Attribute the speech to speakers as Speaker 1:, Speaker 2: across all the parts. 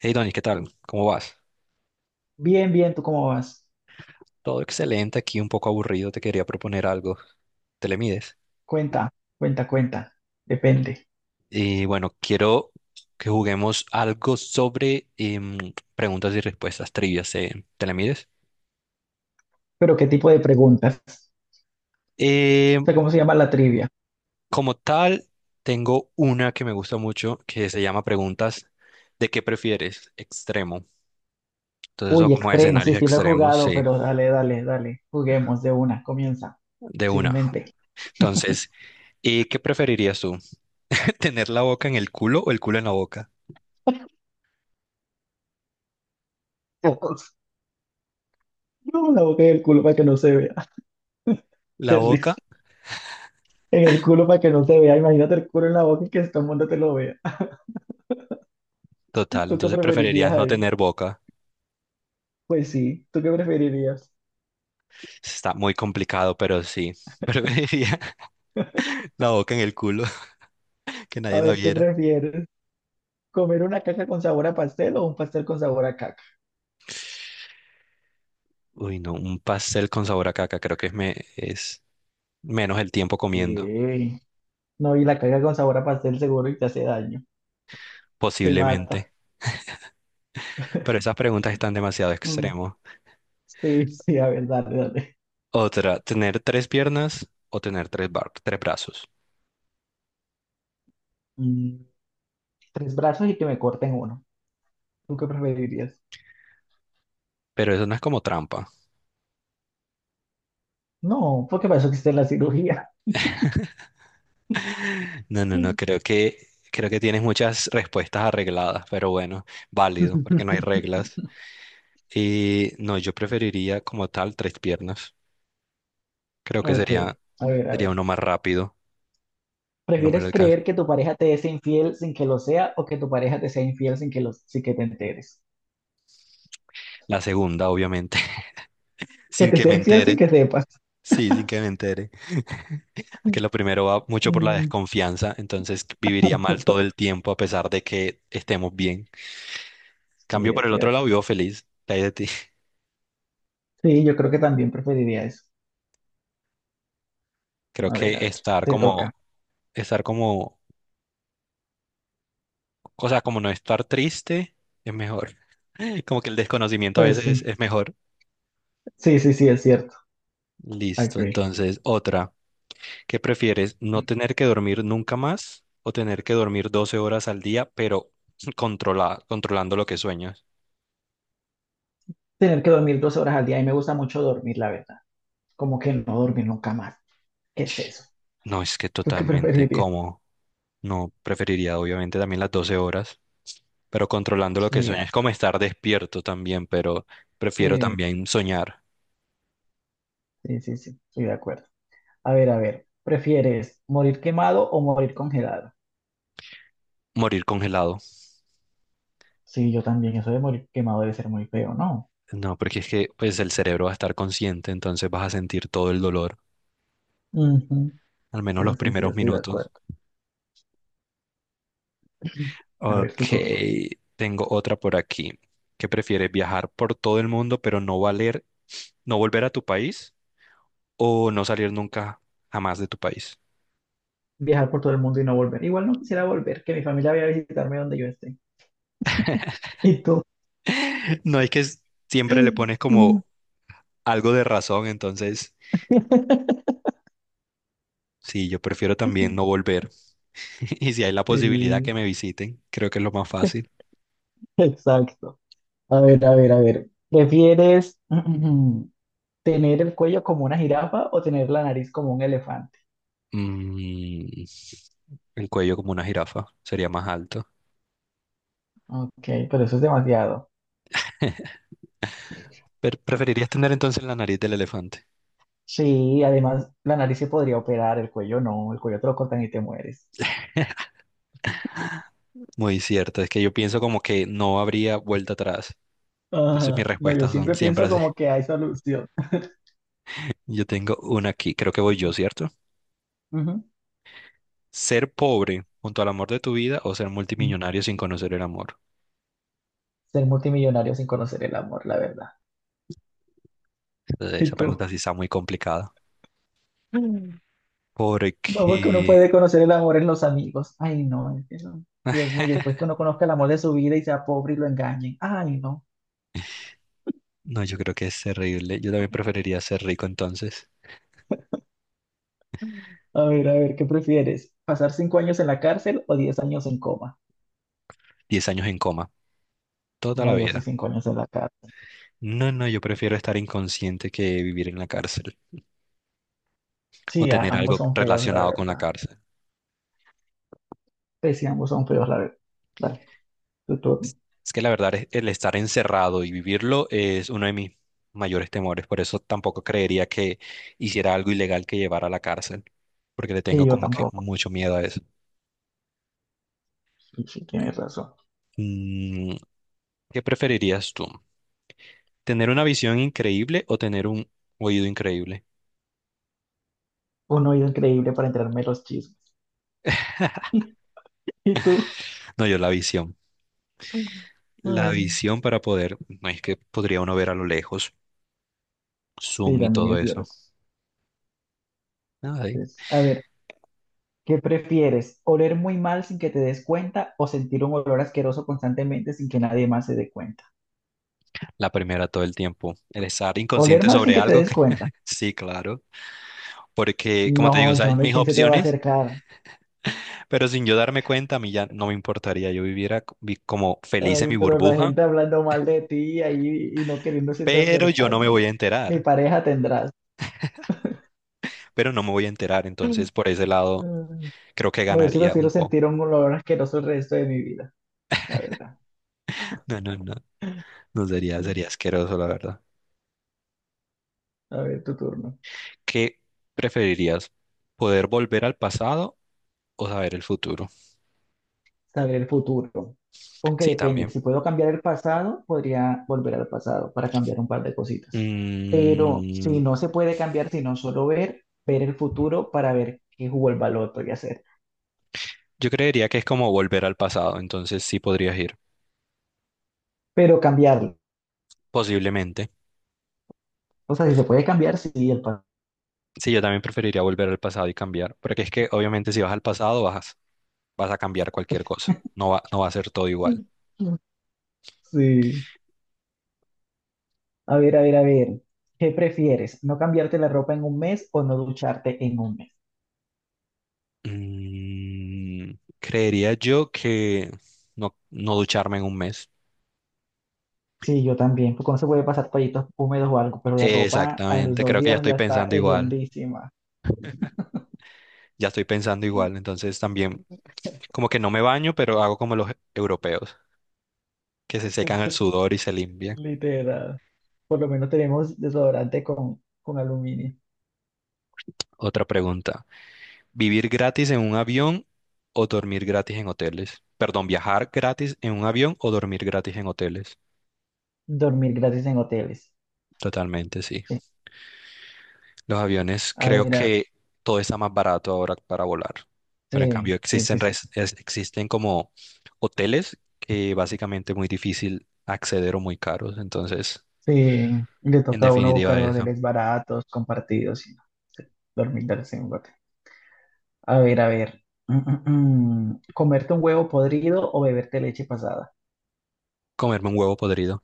Speaker 1: Hey Donny, ¿qué tal? ¿Cómo vas?
Speaker 2: Bien, bien, ¿tú cómo vas?
Speaker 1: Todo excelente, aquí un poco aburrido, te quería proponer algo. ¿Te le mides?
Speaker 2: Cuenta, cuenta, cuenta. Depende.
Speaker 1: Y bueno, quiero que juguemos algo sobre preguntas y respuestas trivias. ¿Te le mides?
Speaker 2: Pero ¿qué tipo de preguntas? O
Speaker 1: Eh,
Speaker 2: sea, ¿cómo se llama la trivia?
Speaker 1: como tal, tengo una que me gusta mucho que se llama preguntas de qué prefieres extremo. Entonces, son
Speaker 2: Uy,
Speaker 1: como
Speaker 2: extremo, sí,
Speaker 1: escenarios
Speaker 2: sí lo he
Speaker 1: extremos,
Speaker 2: jugado,
Speaker 1: sí,
Speaker 2: pero dale, dale, dale. Juguemos de una, comienza.
Speaker 1: de
Speaker 2: Sin
Speaker 1: una.
Speaker 2: mente.
Speaker 1: Entonces, ¿y qué preferirías tú? ¿Tener la boca en el culo o el culo en la boca?
Speaker 2: Dios, no, la boca y el culo para que no se vea.
Speaker 1: La
Speaker 2: Qué risa.
Speaker 1: boca.
Speaker 2: En el culo para que no se vea. Imagínate el culo en la boca y que todo el mundo te lo vea.
Speaker 1: Total,
Speaker 2: ¿Tú qué
Speaker 1: entonces
Speaker 2: preferirías
Speaker 1: preferirías no
Speaker 2: ahí?
Speaker 1: tener boca.
Speaker 2: Pues sí, ¿tú qué preferirías?
Speaker 1: Está muy complicado, pero sí. Preferiría la boca en el culo, que
Speaker 2: A
Speaker 1: nadie la
Speaker 2: ver, ¿qué
Speaker 1: viera.
Speaker 2: prefieres? ¿Comer una caca con sabor a pastel o un pastel con sabor a caca?
Speaker 1: Uy, no, un pastel con sabor a caca, creo que es, me, es menos el tiempo comiendo,
Speaker 2: Sí. No, y la caga con sabor a pastel seguro y te hace daño. Te
Speaker 1: posiblemente.
Speaker 2: mata.
Speaker 1: Pero esas preguntas están demasiado
Speaker 2: Mm.
Speaker 1: extremos.
Speaker 2: Sí, sí, a ver, dale, dale.
Speaker 1: Otra, tener tres piernas o tener tres, tres brazos.
Speaker 2: Mm. Tres brazos y que me corten uno. ¿Tú qué preferirías?
Speaker 1: Pero eso no es como trampa.
Speaker 2: No, porque para eso existe la cirugía.
Speaker 1: No, no, no, creo que tienes muchas respuestas arregladas, pero bueno, válido, porque no hay reglas. Y no, yo preferiría como tal tres piernas. Creo que
Speaker 2: Ok,
Speaker 1: sería,
Speaker 2: a ver, a
Speaker 1: sería
Speaker 2: ver.
Speaker 1: uno más rápido. No me lo
Speaker 2: ¿Prefieres
Speaker 1: alcanza.
Speaker 2: creer que tu pareja te es infiel sin que lo sea o que tu pareja te sea infiel sin que lo, sin que te enteres?
Speaker 1: La segunda, obviamente,
Speaker 2: Que
Speaker 1: sin
Speaker 2: te
Speaker 1: que
Speaker 2: sea
Speaker 1: me
Speaker 2: infiel sin
Speaker 1: entere.
Speaker 2: que sepas.
Speaker 1: Sí, sin que me entere. Porque lo primero va mucho por la
Speaker 2: Mm.
Speaker 1: desconfianza, entonces viviría mal todo el tiempo a pesar de que estemos bien. Cambio
Speaker 2: Sí,
Speaker 1: por
Speaker 2: es
Speaker 1: el otro lado,
Speaker 2: cierto.
Speaker 1: vivo feliz. ¿Qué hay de ti?
Speaker 2: Sí, yo creo que también preferiría eso.
Speaker 1: Creo que
Speaker 2: A ver, te toca.
Speaker 1: estar como, o sea, como no estar triste es mejor. Como que el desconocimiento a
Speaker 2: Pues
Speaker 1: veces
Speaker 2: sí,
Speaker 1: es mejor.
Speaker 2: sí, sí, sí, es cierto. I
Speaker 1: Listo,
Speaker 2: agree.
Speaker 1: entonces otra. ¿Qué prefieres? ¿No tener que dormir nunca más o tener que dormir 12 horas al día, pero controlando lo que sueñas?
Speaker 2: Tener que dormir 12 horas al día y me gusta mucho dormir, la verdad. Como que no dormir nunca más. ¿Qué es eso?
Speaker 1: No, es que
Speaker 2: ¿Tú qué
Speaker 1: totalmente,
Speaker 2: preferirías?
Speaker 1: ¿cómo? No, preferiría obviamente también las 12 horas, pero controlando lo
Speaker 2: Sí,
Speaker 1: que sueñas. Es como estar despierto también, pero prefiero
Speaker 2: sí,
Speaker 1: también soñar,
Speaker 2: sí, sí, sí, estoy de acuerdo. A ver, ¿prefieres morir quemado o morir congelado?
Speaker 1: morir congelado.
Speaker 2: Sí, yo también, eso de morir quemado debe ser muy feo, ¿no?
Speaker 1: No, porque es que pues el cerebro va a estar consciente, entonces vas a sentir todo el dolor,
Speaker 2: Ujú.
Speaker 1: al menos
Speaker 2: Sí,
Speaker 1: los
Speaker 2: sí, sí, yo
Speaker 1: primeros
Speaker 2: estoy de
Speaker 1: minutos.
Speaker 2: acuerdo. A
Speaker 1: Ok,
Speaker 2: ver, tu turno.
Speaker 1: tengo otra por aquí. ¿Qué prefieres? ¿Viajar por todo el mundo pero no volver a tu país o no salir nunca jamás de tu país?
Speaker 2: Viajar por todo el mundo y no volver. Igual no quisiera volver, que mi familia vaya a visitarme donde yo esté. ¿Y tú?
Speaker 1: No es que siempre le pones
Speaker 2: Mm.
Speaker 1: como algo de razón, entonces sí, yo prefiero también no volver. Y si hay la posibilidad
Speaker 2: Sí.
Speaker 1: que me visiten, creo que es lo más fácil.
Speaker 2: Exacto. A ver, a ver, a ver. ¿Prefieres tener el cuello como una jirafa o tener la nariz como un elefante?
Speaker 1: Mm, el cuello como una jirafa sería más alto.
Speaker 2: Ok, pero eso es demasiado.
Speaker 1: Pero preferirías tener entonces la nariz del elefante.
Speaker 2: Sí, además la nariz se podría operar, el cuello no, el cuello te lo cortan y te mueres.
Speaker 1: Muy cierto, es que yo pienso como que no habría vuelta atrás. Entonces mis
Speaker 2: Ajá. No, yo
Speaker 1: respuestas son
Speaker 2: siempre
Speaker 1: siempre
Speaker 2: pienso
Speaker 1: así.
Speaker 2: como que hay solución.
Speaker 1: Yo tengo una aquí, creo que voy yo, ¿cierto?
Speaker 2: Ujú.
Speaker 1: Ser pobre junto al amor de tu vida o ser multimillonario sin conocer el amor.
Speaker 2: Ser multimillonario sin conocer el amor, la verdad.
Speaker 1: Entonces, esa
Speaker 2: ¿Y tú?
Speaker 1: pregunta sí está muy complicada.
Speaker 2: No, porque uno
Speaker 1: Porque,
Speaker 2: puede conocer el amor en los amigos. Ay, no, es que Dios mío, y después que uno conozca el amor de su vida y sea pobre y lo engañen. Ay, no.
Speaker 1: no, yo creo que es terrible. Yo también preferiría ser rico entonces.
Speaker 2: A ver, ¿qué prefieres? ¿Pasar 5 años en la cárcel o 10 años en coma?
Speaker 1: Diez años en coma, toda la
Speaker 2: No, yo sí
Speaker 1: vida.
Speaker 2: 5 años en la cárcel.
Speaker 1: No, no, yo prefiero estar inconsciente que vivir en la cárcel o
Speaker 2: Sí,
Speaker 1: tener
Speaker 2: ambos
Speaker 1: algo
Speaker 2: son feos, la
Speaker 1: relacionado con la
Speaker 2: verdad.
Speaker 1: cárcel.
Speaker 2: Pues sí, ambos son feos, la verdad. Dale, tu turno.
Speaker 1: Es que la verdad es el estar encerrado y vivirlo es uno de mis mayores temores. Por eso tampoco creería que hiciera algo ilegal que llevara a la cárcel, porque le
Speaker 2: Sí,
Speaker 1: tengo
Speaker 2: yo
Speaker 1: como que
Speaker 2: tampoco.
Speaker 1: mucho miedo a eso.
Speaker 2: Sí, sí, tienes razón.
Speaker 1: Mm, ¿qué preferirías tú? ¿Tener una visión increíble o tener un oído increíble?
Speaker 2: Un oído increíble para enterarme de los chismes. ¿Y tú?
Speaker 1: No, yo la visión. La
Speaker 2: Mm.
Speaker 1: visión para poder, no es que podría uno ver a lo lejos,
Speaker 2: Sí,
Speaker 1: zoom y
Speaker 2: también
Speaker 1: todo
Speaker 2: es
Speaker 1: eso.
Speaker 2: cierto.
Speaker 1: Nada,
Speaker 2: Pues, a ver, ¿qué prefieres? ¿Oler muy mal sin que te des cuenta o sentir un olor asqueroso constantemente sin que nadie más se dé cuenta?
Speaker 1: la primera todo el tiempo. El estar
Speaker 2: ¿Oler
Speaker 1: inconsciente
Speaker 2: mal sin
Speaker 1: sobre
Speaker 2: que te
Speaker 1: algo.
Speaker 2: des cuenta?
Speaker 1: Sí, claro. Porque, como te digo, o
Speaker 2: No,
Speaker 1: sea,
Speaker 2: yo no, ¿y
Speaker 1: mis
Speaker 2: quién se te va a
Speaker 1: opciones,
Speaker 2: acercar?
Speaker 1: pero sin yo darme cuenta, a mí ya no me importaría. Yo viviera como feliz en
Speaker 2: Ay,
Speaker 1: mi
Speaker 2: pero la
Speaker 1: burbuja,
Speaker 2: gente hablando mal de ti ahí y no queriéndose te
Speaker 1: pero yo no
Speaker 2: acercar,
Speaker 1: me
Speaker 2: no,
Speaker 1: voy
Speaker 2: no,
Speaker 1: a
Speaker 2: no. Ni
Speaker 1: enterar.
Speaker 2: pareja tendrás.
Speaker 1: Pero no me voy a enterar. Entonces, por ese lado,
Speaker 2: Mm.
Speaker 1: creo que
Speaker 2: No, yo sí
Speaker 1: ganaría
Speaker 2: prefiero
Speaker 1: un poco.
Speaker 2: sentir un olor asqueroso el resto de mi vida, la verdad.
Speaker 1: No, no, no. No sería,
Speaker 2: Mm.
Speaker 1: sería asqueroso, la verdad.
Speaker 2: A ver, tu turno.
Speaker 1: ¿Qué preferirías? ¿Poder volver al pasado o saber el futuro?
Speaker 2: Saber el futuro. Aunque
Speaker 1: Sí, también.
Speaker 2: depende, si puedo cambiar el pasado, podría volver al pasado para cambiar un par de cositas. Pero si
Speaker 1: Mm,
Speaker 2: no se puede cambiar, sino solo ver, ver el futuro para ver qué jugó el baloto y hacer.
Speaker 1: yo creería que es como volver al pasado, entonces sí podrías ir,
Speaker 2: Pero cambiarlo.
Speaker 1: posiblemente.
Speaker 2: O sea, si se puede cambiar, sí, el pasado.
Speaker 1: Sí, yo también preferiría volver al pasado y cambiar, porque es que obviamente si vas al pasado vas, vas a cambiar cualquier cosa, no va a ser todo igual.
Speaker 2: Sí. A ver, a ver, a ver. ¿Qué prefieres? ¿No cambiarte la ropa en un mes o no ducharte en un mes?
Speaker 1: Mm, creería yo que no, no ducharme en un mes.
Speaker 2: Sí, yo también. Porque no se puede pasar toallitos húmedos o algo? Pero la ropa a los
Speaker 1: Exactamente,
Speaker 2: dos
Speaker 1: creo que ya
Speaker 2: días
Speaker 1: estoy
Speaker 2: ya está
Speaker 1: pensando igual,
Speaker 2: hediondísima.
Speaker 1: ya estoy pensando igual, entonces también como que no me baño, pero hago como los europeos, que se secan el sudor y se limpian.
Speaker 2: Literal. Por lo menos tenemos desodorante con aluminio.
Speaker 1: Otra pregunta. Vivir gratis en un avión o dormir gratis en hoteles. Perdón, viajar gratis en un avión o dormir gratis en hoteles.
Speaker 2: Dormir gratis en hoteles.
Speaker 1: Totalmente, sí.
Speaker 2: Sí.
Speaker 1: Los aviones,
Speaker 2: A
Speaker 1: creo
Speaker 2: ver,
Speaker 1: que todo está más barato ahora para volar. Pero en
Speaker 2: sí,
Speaker 1: cambio
Speaker 2: sí, sí,
Speaker 1: existen,
Speaker 2: sí.
Speaker 1: existen como hoteles que básicamente es muy difícil acceder o muy caros. Entonces,
Speaker 2: Sí, le
Speaker 1: en
Speaker 2: toca a uno
Speaker 1: definitiva,
Speaker 2: buscar
Speaker 1: eso.
Speaker 2: hoteles baratos, compartidos, y no, sí, dormir gratis en un hotel. A ver, a ver. Mm, mm. ¿Comerte un huevo podrido o beberte leche pasada?
Speaker 1: Comerme un huevo podrido.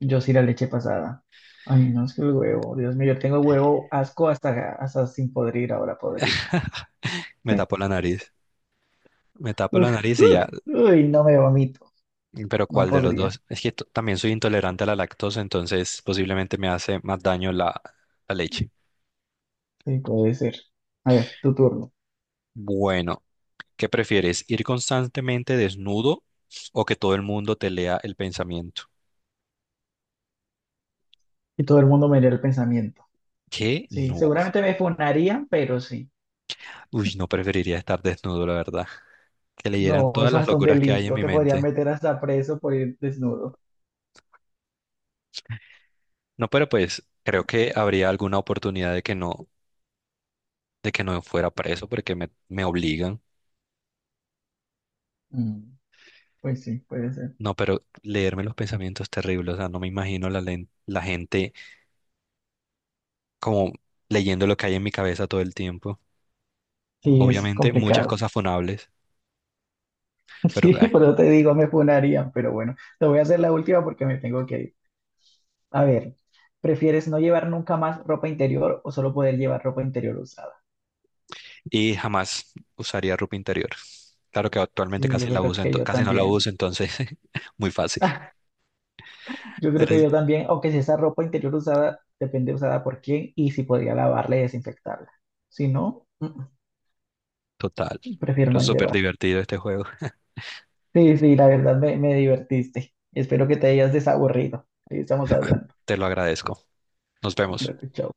Speaker 2: Yo sí la leche pasada. Ay, no, es que el huevo, Dios mío, yo tengo huevo asco hasta, hasta sin podrir, ahora podrido.
Speaker 1: Me tapo la nariz. Me tapo la
Speaker 2: Uf,
Speaker 1: nariz y
Speaker 2: uf,
Speaker 1: ya.
Speaker 2: uy, no, me vomito,
Speaker 1: Pero
Speaker 2: no
Speaker 1: ¿cuál de los
Speaker 2: podría.
Speaker 1: dos? Es que también soy intolerante a la lactosa, entonces posiblemente me hace más daño la, la leche.
Speaker 2: Sí, puede ser. A ver, tu turno.
Speaker 1: Bueno, ¿qué prefieres? ¿Ir constantemente desnudo o que todo el mundo te lea el pensamiento?
Speaker 2: Y todo el mundo me lee el pensamiento.
Speaker 1: ¿Qué?
Speaker 2: Sí,
Speaker 1: No.
Speaker 2: seguramente me funarían, pero sí.
Speaker 1: Uy, no preferiría estar desnudo, la verdad. Que leyeran
Speaker 2: No,
Speaker 1: todas
Speaker 2: eso es
Speaker 1: las
Speaker 2: hasta un
Speaker 1: locuras que hay en
Speaker 2: delito.
Speaker 1: mi
Speaker 2: Te podrían
Speaker 1: mente.
Speaker 2: meter hasta preso por ir desnudo.
Speaker 1: No, pero pues creo que habría alguna oportunidad de que no fuera preso porque me obligan.
Speaker 2: Mm, pues sí, puede ser.
Speaker 1: No, pero leerme los pensamientos terribles, o sea, no me imagino la, la gente como leyendo lo que hay en mi cabeza todo el tiempo.
Speaker 2: Sí, es
Speaker 1: Obviamente, muchas
Speaker 2: complicado.
Speaker 1: cosas funables, pero
Speaker 2: Sí, por eso te digo, me funarían, pero bueno, te voy a hacer la última porque me tengo que ir. A ver, ¿prefieres no llevar nunca más ropa interior o solo poder llevar ropa interior usada?
Speaker 1: y jamás usaría ropa interior. Claro que actualmente
Speaker 2: Sí, yo
Speaker 1: casi la
Speaker 2: creo
Speaker 1: uso,
Speaker 2: que yo
Speaker 1: casi no la
Speaker 2: también.
Speaker 1: uso, entonces muy fácil.
Speaker 2: Yo creo
Speaker 1: Pero
Speaker 2: que
Speaker 1: es
Speaker 2: yo también, aunque si esa ropa interior usada, depende usada por quién y si podría lavarla y desinfectarla. Si no, mm,
Speaker 1: total,
Speaker 2: prefiero
Speaker 1: pero
Speaker 2: no
Speaker 1: es súper
Speaker 2: llevar.
Speaker 1: divertido este juego.
Speaker 2: Sí, sí, la verdad me, divertiste. Espero que te hayas desaburrido. Ahí estamos hablando.
Speaker 1: Te lo agradezco. Nos vemos.
Speaker 2: Dale, chao.